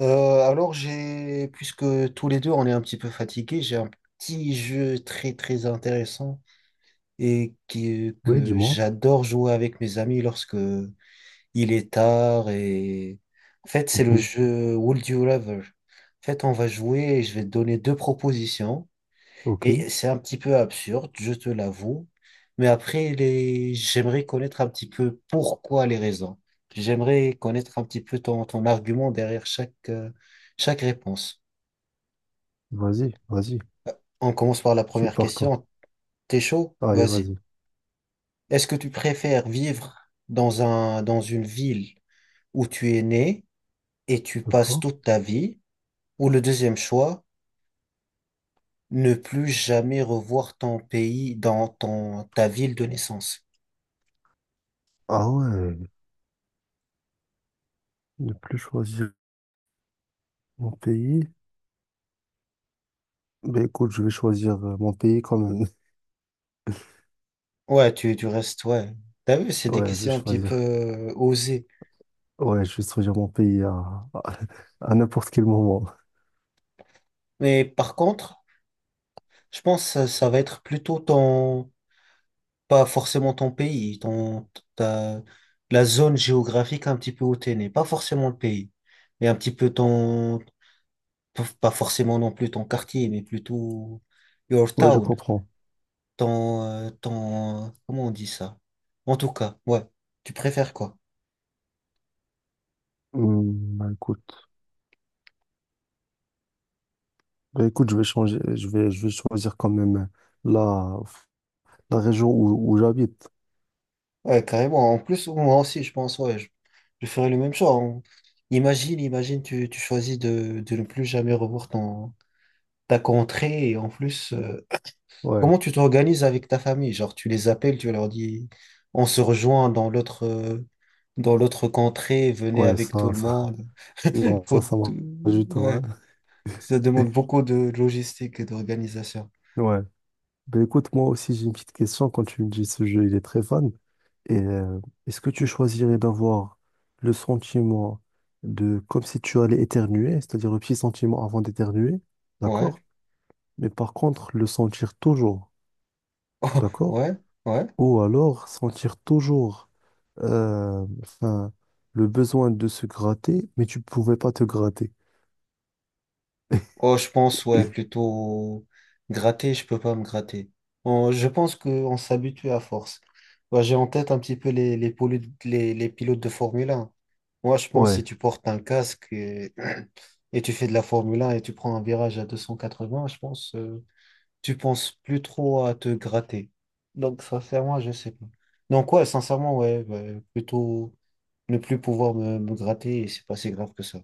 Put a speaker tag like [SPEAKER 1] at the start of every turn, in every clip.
[SPEAKER 1] Alors j'ai, puisque tous les deux on est un petit peu fatigués, j'ai un petit jeu très très intéressant et qui,
[SPEAKER 2] Oui,
[SPEAKER 1] que
[SPEAKER 2] dis-moi.
[SPEAKER 1] j'adore jouer avec mes amis lorsque il est tard et en fait, c'est le
[SPEAKER 2] Mhm.
[SPEAKER 1] jeu Would You Rather. En fait on va jouer et je vais te donner deux propositions.
[SPEAKER 2] Ok,
[SPEAKER 1] Et c'est un petit peu absurde, je te l'avoue. Mais après, j'aimerais connaître un petit peu pourquoi les raisons. J'aimerais connaître un petit peu ton argument derrière chaque réponse.
[SPEAKER 2] vas-y, vas-y.
[SPEAKER 1] On commence par la
[SPEAKER 2] Je suis
[SPEAKER 1] première
[SPEAKER 2] partant.
[SPEAKER 1] question. T'es chaud?
[SPEAKER 2] Allez,
[SPEAKER 1] Vas-y.
[SPEAKER 2] vas-y.
[SPEAKER 1] Est-ce que tu préfères vivre dans une ville où tu es né et tu passes
[SPEAKER 2] D'accord.
[SPEAKER 1] toute ta vie, ou le deuxième choix, ne plus jamais revoir ton pays dans ton, ta ville de naissance?
[SPEAKER 2] Ah ouais, ne plus choisir mon pays. Ben écoute, je vais choisir mon pays quand même.
[SPEAKER 1] Ouais, tu restes, ouais. T'as vu, c'est des
[SPEAKER 2] Ouais, je vais
[SPEAKER 1] questions un petit peu
[SPEAKER 2] choisir.
[SPEAKER 1] osées.
[SPEAKER 2] Ouais, je vais choisir mon pays à, à n'importe quel moment.
[SPEAKER 1] Mais par contre, je pense que ça va être plutôt ton, pas forcément ton pays, ton, ta, la zone géographique un petit peu où t'es né. Pas forcément le pays, mais un petit peu ton, pas forcément non plus ton quartier, mais plutôt your
[SPEAKER 2] Ouais, je
[SPEAKER 1] town,
[SPEAKER 2] comprends.
[SPEAKER 1] ton, comment on dit ça? En tout cas, ouais. Tu préfères quoi?
[SPEAKER 2] Hum, ben écoute, bah écoute, je vais changer. Je vais choisir quand même la, la région où j'habite.
[SPEAKER 1] Ouais, carrément. En plus, moi aussi, je pense, ouais, je ferais le même choix. Imagine, tu choisis de ne plus jamais revoir ta contrée. Et en plus,
[SPEAKER 2] Ouais,
[SPEAKER 1] comment tu t'organises avec ta famille? Genre, tu les appelles, tu leur dis, on se rejoint dans l'autre contrée, venez
[SPEAKER 2] ouais,
[SPEAKER 1] avec tout le monde.
[SPEAKER 2] non, ça, ça marche pas du tout,
[SPEAKER 1] Ouais,
[SPEAKER 2] hein.
[SPEAKER 1] ça demande beaucoup de logistique et d'organisation.
[SPEAKER 2] Ouais. Ben écoute, moi aussi j'ai une petite question. Quand tu me dis ce jeu, il est très fun. Et est-ce que tu choisirais d'avoir le sentiment de comme si tu allais éternuer, c'est-à-dire le petit sentiment avant d'éternuer,
[SPEAKER 1] Ouais,
[SPEAKER 2] d'accord? Mais par contre, le sentir toujours, d'accord?
[SPEAKER 1] ouais, ouais.
[SPEAKER 2] Ou alors sentir toujours enfin, le besoin de se gratter, mais tu pouvais pas te gratter.
[SPEAKER 1] Oh, je pense, ouais, plutôt gratter, je peux pas me gratter. Je pense qu'on s'habitue à force. Ouais, j'ai en tête un petit peu les pilotes de Formule 1. Moi, je pense, si
[SPEAKER 2] Ouais,
[SPEAKER 1] tu portes un casque et, et tu fais de la Formule 1 et tu prends un virage à 280, tu penses plus trop à te gratter. Donc, sincèrement, je sais pas. Donc, sincèrement, ouais, plutôt ne plus pouvoir me gratter et c'est pas si grave que ça.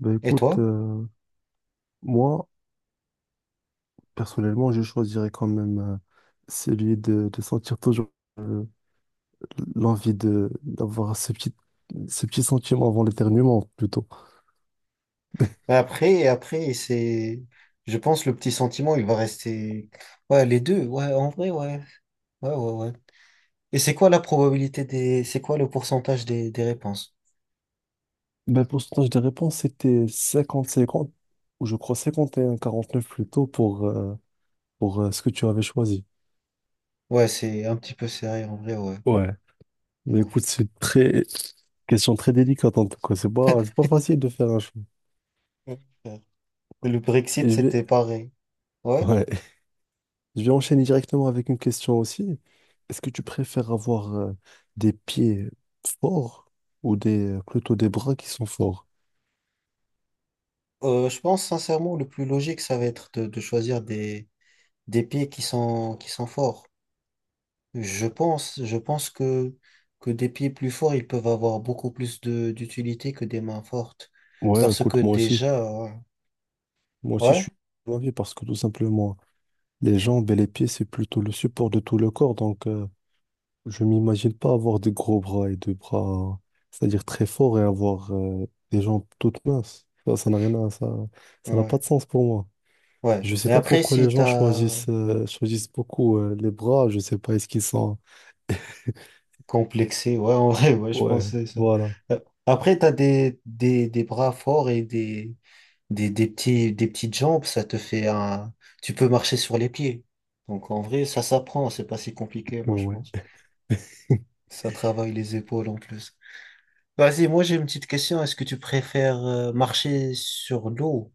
[SPEAKER 2] ben
[SPEAKER 1] Et
[SPEAKER 2] écoute,
[SPEAKER 1] toi?
[SPEAKER 2] moi, personnellement, je choisirais quand même celui de sentir toujours euh, l'envie de d'avoir ce petit sentiment avant l'éternuement, plutôt.
[SPEAKER 1] Mais après, c'est, je pense, le petit sentiment, il va rester. Ouais, les deux, ouais, en vrai, ouais. Ouais. Et c'est quoi la probabilité des. C'est quoi le pourcentage des réponses?
[SPEAKER 2] Ben, pour le pourcentage des réponses, c'était 50/50 ou je crois 51-49 plutôt pour ce que tu avais choisi.
[SPEAKER 1] Ouais, c'est un petit peu serré, en vrai, ouais.
[SPEAKER 2] Ouais. Mais
[SPEAKER 1] Ouf.
[SPEAKER 2] écoute, c'est très question très délicate en tout cas. C'est pas facile de faire un choix.
[SPEAKER 1] Et Le Brexit,
[SPEAKER 2] Et je vais.
[SPEAKER 1] c'était pareil. Ouais.
[SPEAKER 2] Ouais. Je vais enchaîner directement avec une question aussi. Est-ce que tu préfères avoir des pieds forts ou plutôt des bras qui sont forts?
[SPEAKER 1] Je pense, sincèrement, le plus logique, ça va être de choisir des pays qui sont forts. Je pense que des pieds plus forts, ils peuvent avoir beaucoup plus de d'utilité que des mains fortes.
[SPEAKER 2] Ouais,
[SPEAKER 1] Parce que
[SPEAKER 2] écoute, moi aussi.
[SPEAKER 1] déjà, ouais,
[SPEAKER 2] Moi aussi, je
[SPEAKER 1] ouais,
[SPEAKER 2] suis de parce que tout simplement, les jambes et les pieds, c'est plutôt le support de tout le corps. Donc, je m'imagine pas avoir des gros bras et des bras, c'est-à-dire très forts et avoir des jambes toutes minces. Ça n'a pas
[SPEAKER 1] ouais.
[SPEAKER 2] de sens pour moi.
[SPEAKER 1] Ouais.
[SPEAKER 2] Je sais
[SPEAKER 1] Mais
[SPEAKER 2] pas
[SPEAKER 1] après,
[SPEAKER 2] pourquoi les
[SPEAKER 1] si
[SPEAKER 2] gens
[SPEAKER 1] t'as
[SPEAKER 2] choisissent beaucoup les bras. Je sais pas, est-ce qu'ils sont.
[SPEAKER 1] complexé, ouais, en vrai, ouais, je
[SPEAKER 2] Ouais,
[SPEAKER 1] pense que c'est ça.
[SPEAKER 2] voilà.
[SPEAKER 1] Euh, Après, t'as des bras forts et des petites jambes, ça te fait un, tu peux marcher sur les pieds. Donc, en vrai, ça s'apprend, c'est pas si compliqué, moi, je pense.
[SPEAKER 2] Ouais.
[SPEAKER 1] Ça travaille les épaules en plus. Vas-y, moi j'ai une petite question. Est-ce que tu préfères marcher sur l'eau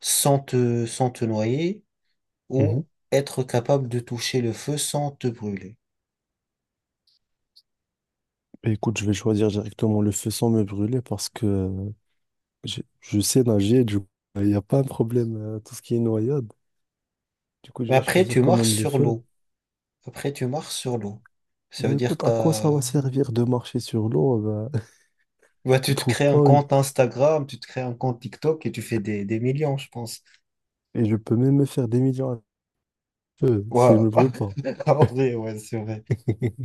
[SPEAKER 1] sans te noyer
[SPEAKER 2] Mhm.
[SPEAKER 1] ou être capable de toucher le feu sans te brûler?
[SPEAKER 2] Bah, écoute, je vais choisir directement le feu sans me brûler parce que je sais nager, du coup, il n'y a pas un problème tout ce qui est noyade. Du coup, je
[SPEAKER 1] Mais
[SPEAKER 2] vais
[SPEAKER 1] après,
[SPEAKER 2] choisir
[SPEAKER 1] tu
[SPEAKER 2] quand
[SPEAKER 1] marches
[SPEAKER 2] même le
[SPEAKER 1] sur
[SPEAKER 2] feu.
[SPEAKER 1] l'eau. Après, tu marches sur l'eau. Ça
[SPEAKER 2] Bah
[SPEAKER 1] veut dire
[SPEAKER 2] écoute, à quoi ça va
[SPEAKER 1] t'as...
[SPEAKER 2] servir de marcher sur l'eau? Bah,
[SPEAKER 1] Bah,
[SPEAKER 2] je
[SPEAKER 1] tu te
[SPEAKER 2] trouve
[SPEAKER 1] crées un
[SPEAKER 2] pas une.
[SPEAKER 1] compte Instagram, tu te crées un compte TikTok et tu fais des millions, je pense.
[SPEAKER 2] Et je peux même me faire des millions à feu si je
[SPEAKER 1] Ouais,
[SPEAKER 2] me brûle pas.
[SPEAKER 1] En vrai, ouais, c'est vrai.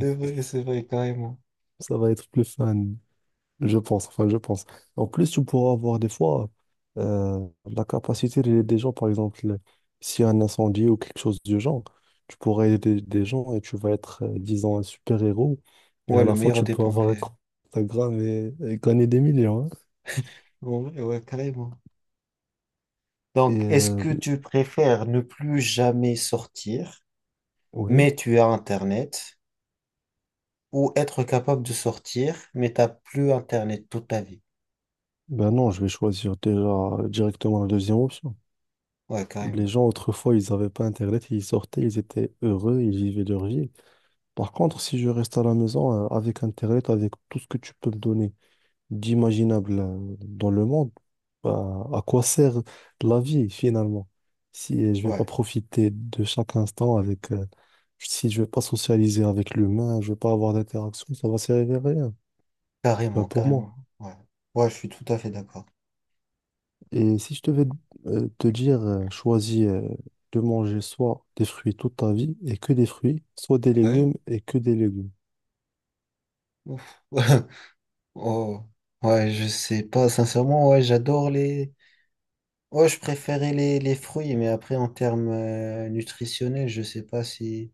[SPEAKER 1] C'est vrai, carrément.
[SPEAKER 2] Ça va être plus fun. Je pense, enfin, je pense. En plus, tu pourras avoir des fois la capacité des gens, par exemple, s'il y a un incendie ou quelque chose du genre, tu pourras aider des gens et tu vas être, disons, un super-héros. Et
[SPEAKER 1] Ouais,
[SPEAKER 2] à
[SPEAKER 1] le
[SPEAKER 2] la fois,
[SPEAKER 1] meilleur
[SPEAKER 2] tu
[SPEAKER 1] des
[SPEAKER 2] peux avoir un
[SPEAKER 1] pompiers.
[SPEAKER 2] compte Instagram et gagner des millions, hein.
[SPEAKER 1] En vrai, ouais, carrément. Donc,
[SPEAKER 2] Et
[SPEAKER 1] est-ce que tu préfères ne plus jamais sortir,
[SPEAKER 2] oui,
[SPEAKER 1] mais tu as Internet, ou être capable de sortir, mais t'as plus Internet toute ta vie?
[SPEAKER 2] ben non, je vais choisir déjà directement la deuxième option.
[SPEAKER 1] Ouais,
[SPEAKER 2] Les
[SPEAKER 1] carrément.
[SPEAKER 2] gens, autrefois, ils n'avaient pas Internet, ils sortaient, ils étaient heureux, ils vivaient leur vie. Par contre, si je reste à la maison avec Internet, avec tout ce que tu peux me donner, d'imaginable dans le monde, bah, à quoi sert la vie finalement? Si je vais pas
[SPEAKER 1] Ouais,
[SPEAKER 2] profiter de chaque instant si je vais pas socialiser avec l'humain, je vais pas avoir d'interaction, ça va servir à rien. Bah, pour moi.
[SPEAKER 1] carrément. Ouais, ouais, je suis tout à fait d'accord.
[SPEAKER 2] Et si je devais te dire, choisis de manger soit des fruits toute ta vie et que des fruits, soit des
[SPEAKER 1] Ouais.
[SPEAKER 2] légumes et que des légumes.
[SPEAKER 1] Ouf. Oh, ouais, je sais pas. Sincèrement, ouais, j'adore les. Ouais, je préférais les fruits, mais après, en termes nutritionnels, je sais pas si,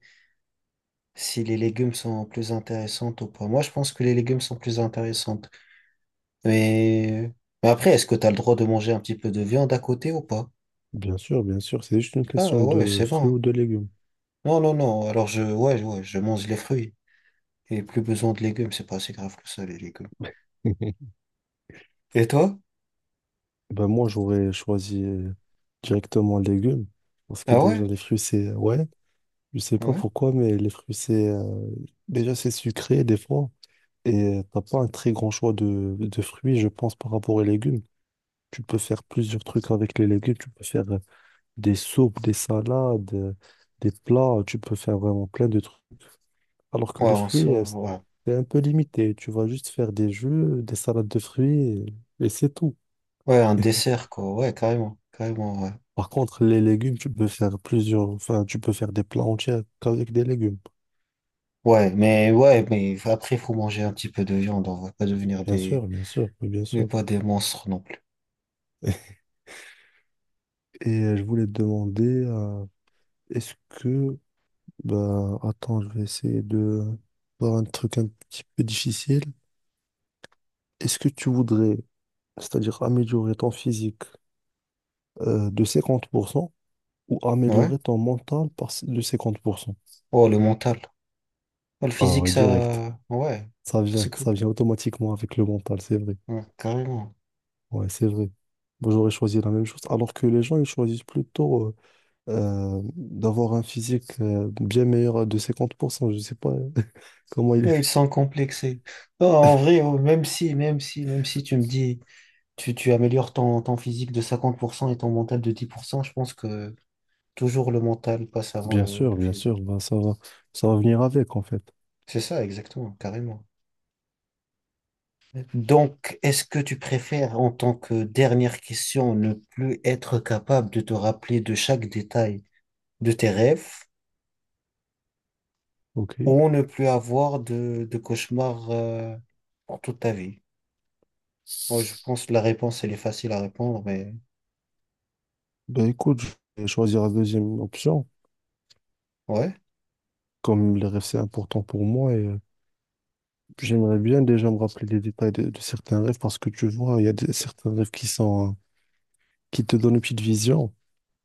[SPEAKER 1] si les légumes sont plus intéressantes ou pas. Moi, je pense que les légumes sont plus intéressants. Mais, mais après, est-ce que tu as le droit de manger un petit peu de viande à côté ou pas?
[SPEAKER 2] Bien sûr, c'est juste une
[SPEAKER 1] Ah
[SPEAKER 2] question
[SPEAKER 1] ouais,
[SPEAKER 2] de
[SPEAKER 1] c'est bon,
[SPEAKER 2] fruits ou
[SPEAKER 1] hein.
[SPEAKER 2] de légumes.
[SPEAKER 1] Non, non, non. Alors, ouais, ouais, je mange les fruits. Et plus besoin de légumes, c'est pas assez grave que ça, les légumes. Et toi?
[SPEAKER 2] Ben moi, j'aurais choisi directement les légumes. Parce que
[SPEAKER 1] Ah
[SPEAKER 2] déjà,
[SPEAKER 1] ouais?
[SPEAKER 2] les fruits, ouais, je sais pas
[SPEAKER 1] Ouais?
[SPEAKER 2] pourquoi, mais les fruits, déjà, c'est sucré des fois. Et t'as pas un très grand choix de fruits, je pense, par rapport aux légumes. Tu peux faire plusieurs trucs avec les légumes. Tu peux faire des soupes, des salades, des plats. Tu peux faire vraiment plein de trucs. Alors que
[SPEAKER 1] Ouais,
[SPEAKER 2] les
[SPEAKER 1] en
[SPEAKER 2] fruits,
[SPEAKER 1] soi, ouais.
[SPEAKER 2] c'est un peu limité. Tu vas juste faire des jus, des salades de fruits, et c'est tout.
[SPEAKER 1] Ouais, un dessert, quoi. Ouais, carrément. Carrément, ouais.
[SPEAKER 2] Par contre, les légumes, tu peux faire plusieurs, enfin, tu peux faire des plats entiers avec des légumes.
[SPEAKER 1] Ouais, mais après, il faut manger un petit peu de viande. On va pas devenir des.
[SPEAKER 2] Bien sûr, oui, bien
[SPEAKER 1] Mais
[SPEAKER 2] sûr.
[SPEAKER 1] pas des monstres non plus.
[SPEAKER 2] Et je voulais te demander, est-ce que, bah, attends, je vais essayer de voir un truc un petit peu difficile. Est-ce que tu voudrais, c'est-à-dire améliorer ton physique de 50 %, ou
[SPEAKER 1] Ouais?
[SPEAKER 2] améliorer ton mental de 50 %?
[SPEAKER 1] Oh, le mental. Oh, le
[SPEAKER 2] Ah
[SPEAKER 1] physique,
[SPEAKER 2] oui, direct.
[SPEAKER 1] ça. Ouais.
[SPEAKER 2] Ça vient,
[SPEAKER 1] C'est cool.
[SPEAKER 2] ça vient automatiquement avec le mental, c'est vrai.
[SPEAKER 1] Ouais, carrément.
[SPEAKER 2] Ouais, c'est vrai. Moi, j'aurais choisi la même chose. Alors que les gens, ils choisissent plutôt d'avoir un physique bien meilleur à de 50 %. Je sais pas comment il est.
[SPEAKER 1] Ouais, ils sont complexés. Non, en vrai, oh, même si tu me dis, tu améliores ton physique de 50% et ton mental de 10%, je pense que toujours le mental passe avant
[SPEAKER 2] Bien sûr,
[SPEAKER 1] le
[SPEAKER 2] bien sûr.
[SPEAKER 1] physique.
[SPEAKER 2] Bah, ça va venir avec, en fait.
[SPEAKER 1] C'est ça, exactement, carrément. Donc, est-ce que tu préfères, en tant que dernière question, ne plus être capable de te rappeler de chaque détail de tes rêves
[SPEAKER 2] OK.
[SPEAKER 1] ou ne plus avoir de cauchemars, pour toute ta vie? Moi, je pense que la réponse, elle est facile à répondre, mais
[SPEAKER 2] Ben écoute, je vais choisir la deuxième option.
[SPEAKER 1] ouais.
[SPEAKER 2] Comme les rêves, c'est important pour moi et j'aimerais bien déjà me rappeler les détails de certains rêves parce que tu vois, il y a certains rêves qui sont, qui te donnent une petite vision.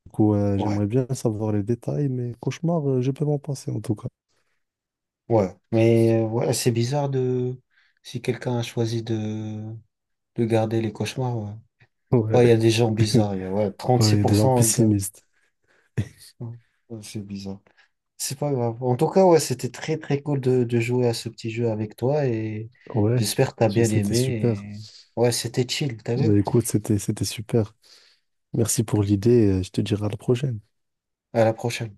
[SPEAKER 2] Du coup,
[SPEAKER 1] Ouais.
[SPEAKER 2] j'aimerais bien savoir les détails, mais cauchemar, je peux m'en passer en tout cas.
[SPEAKER 1] Ouais, mais ouais, c'est bizarre de si quelqu'un a choisi de garder les cauchemars. Ouais, ouais, il y a
[SPEAKER 2] Ouais,
[SPEAKER 1] des gens bizarres. Ouais,
[SPEAKER 2] ouais, il y a des gens
[SPEAKER 1] 36% gars.
[SPEAKER 2] pessimistes.
[SPEAKER 1] Ouais, ouais, c'est bizarre. C'est pas grave. En tout cas, ouais, c'était très très cool de jouer à ce petit jeu avec toi et
[SPEAKER 2] Ouais,
[SPEAKER 1] j'espère que t'as bien
[SPEAKER 2] c'était super.
[SPEAKER 1] aimé. Ouais, c'était chill, t'as vu?
[SPEAKER 2] Bah, écoute, c'était super. Merci pour l'idée. Je te dirai à la prochaine.
[SPEAKER 1] À la prochaine.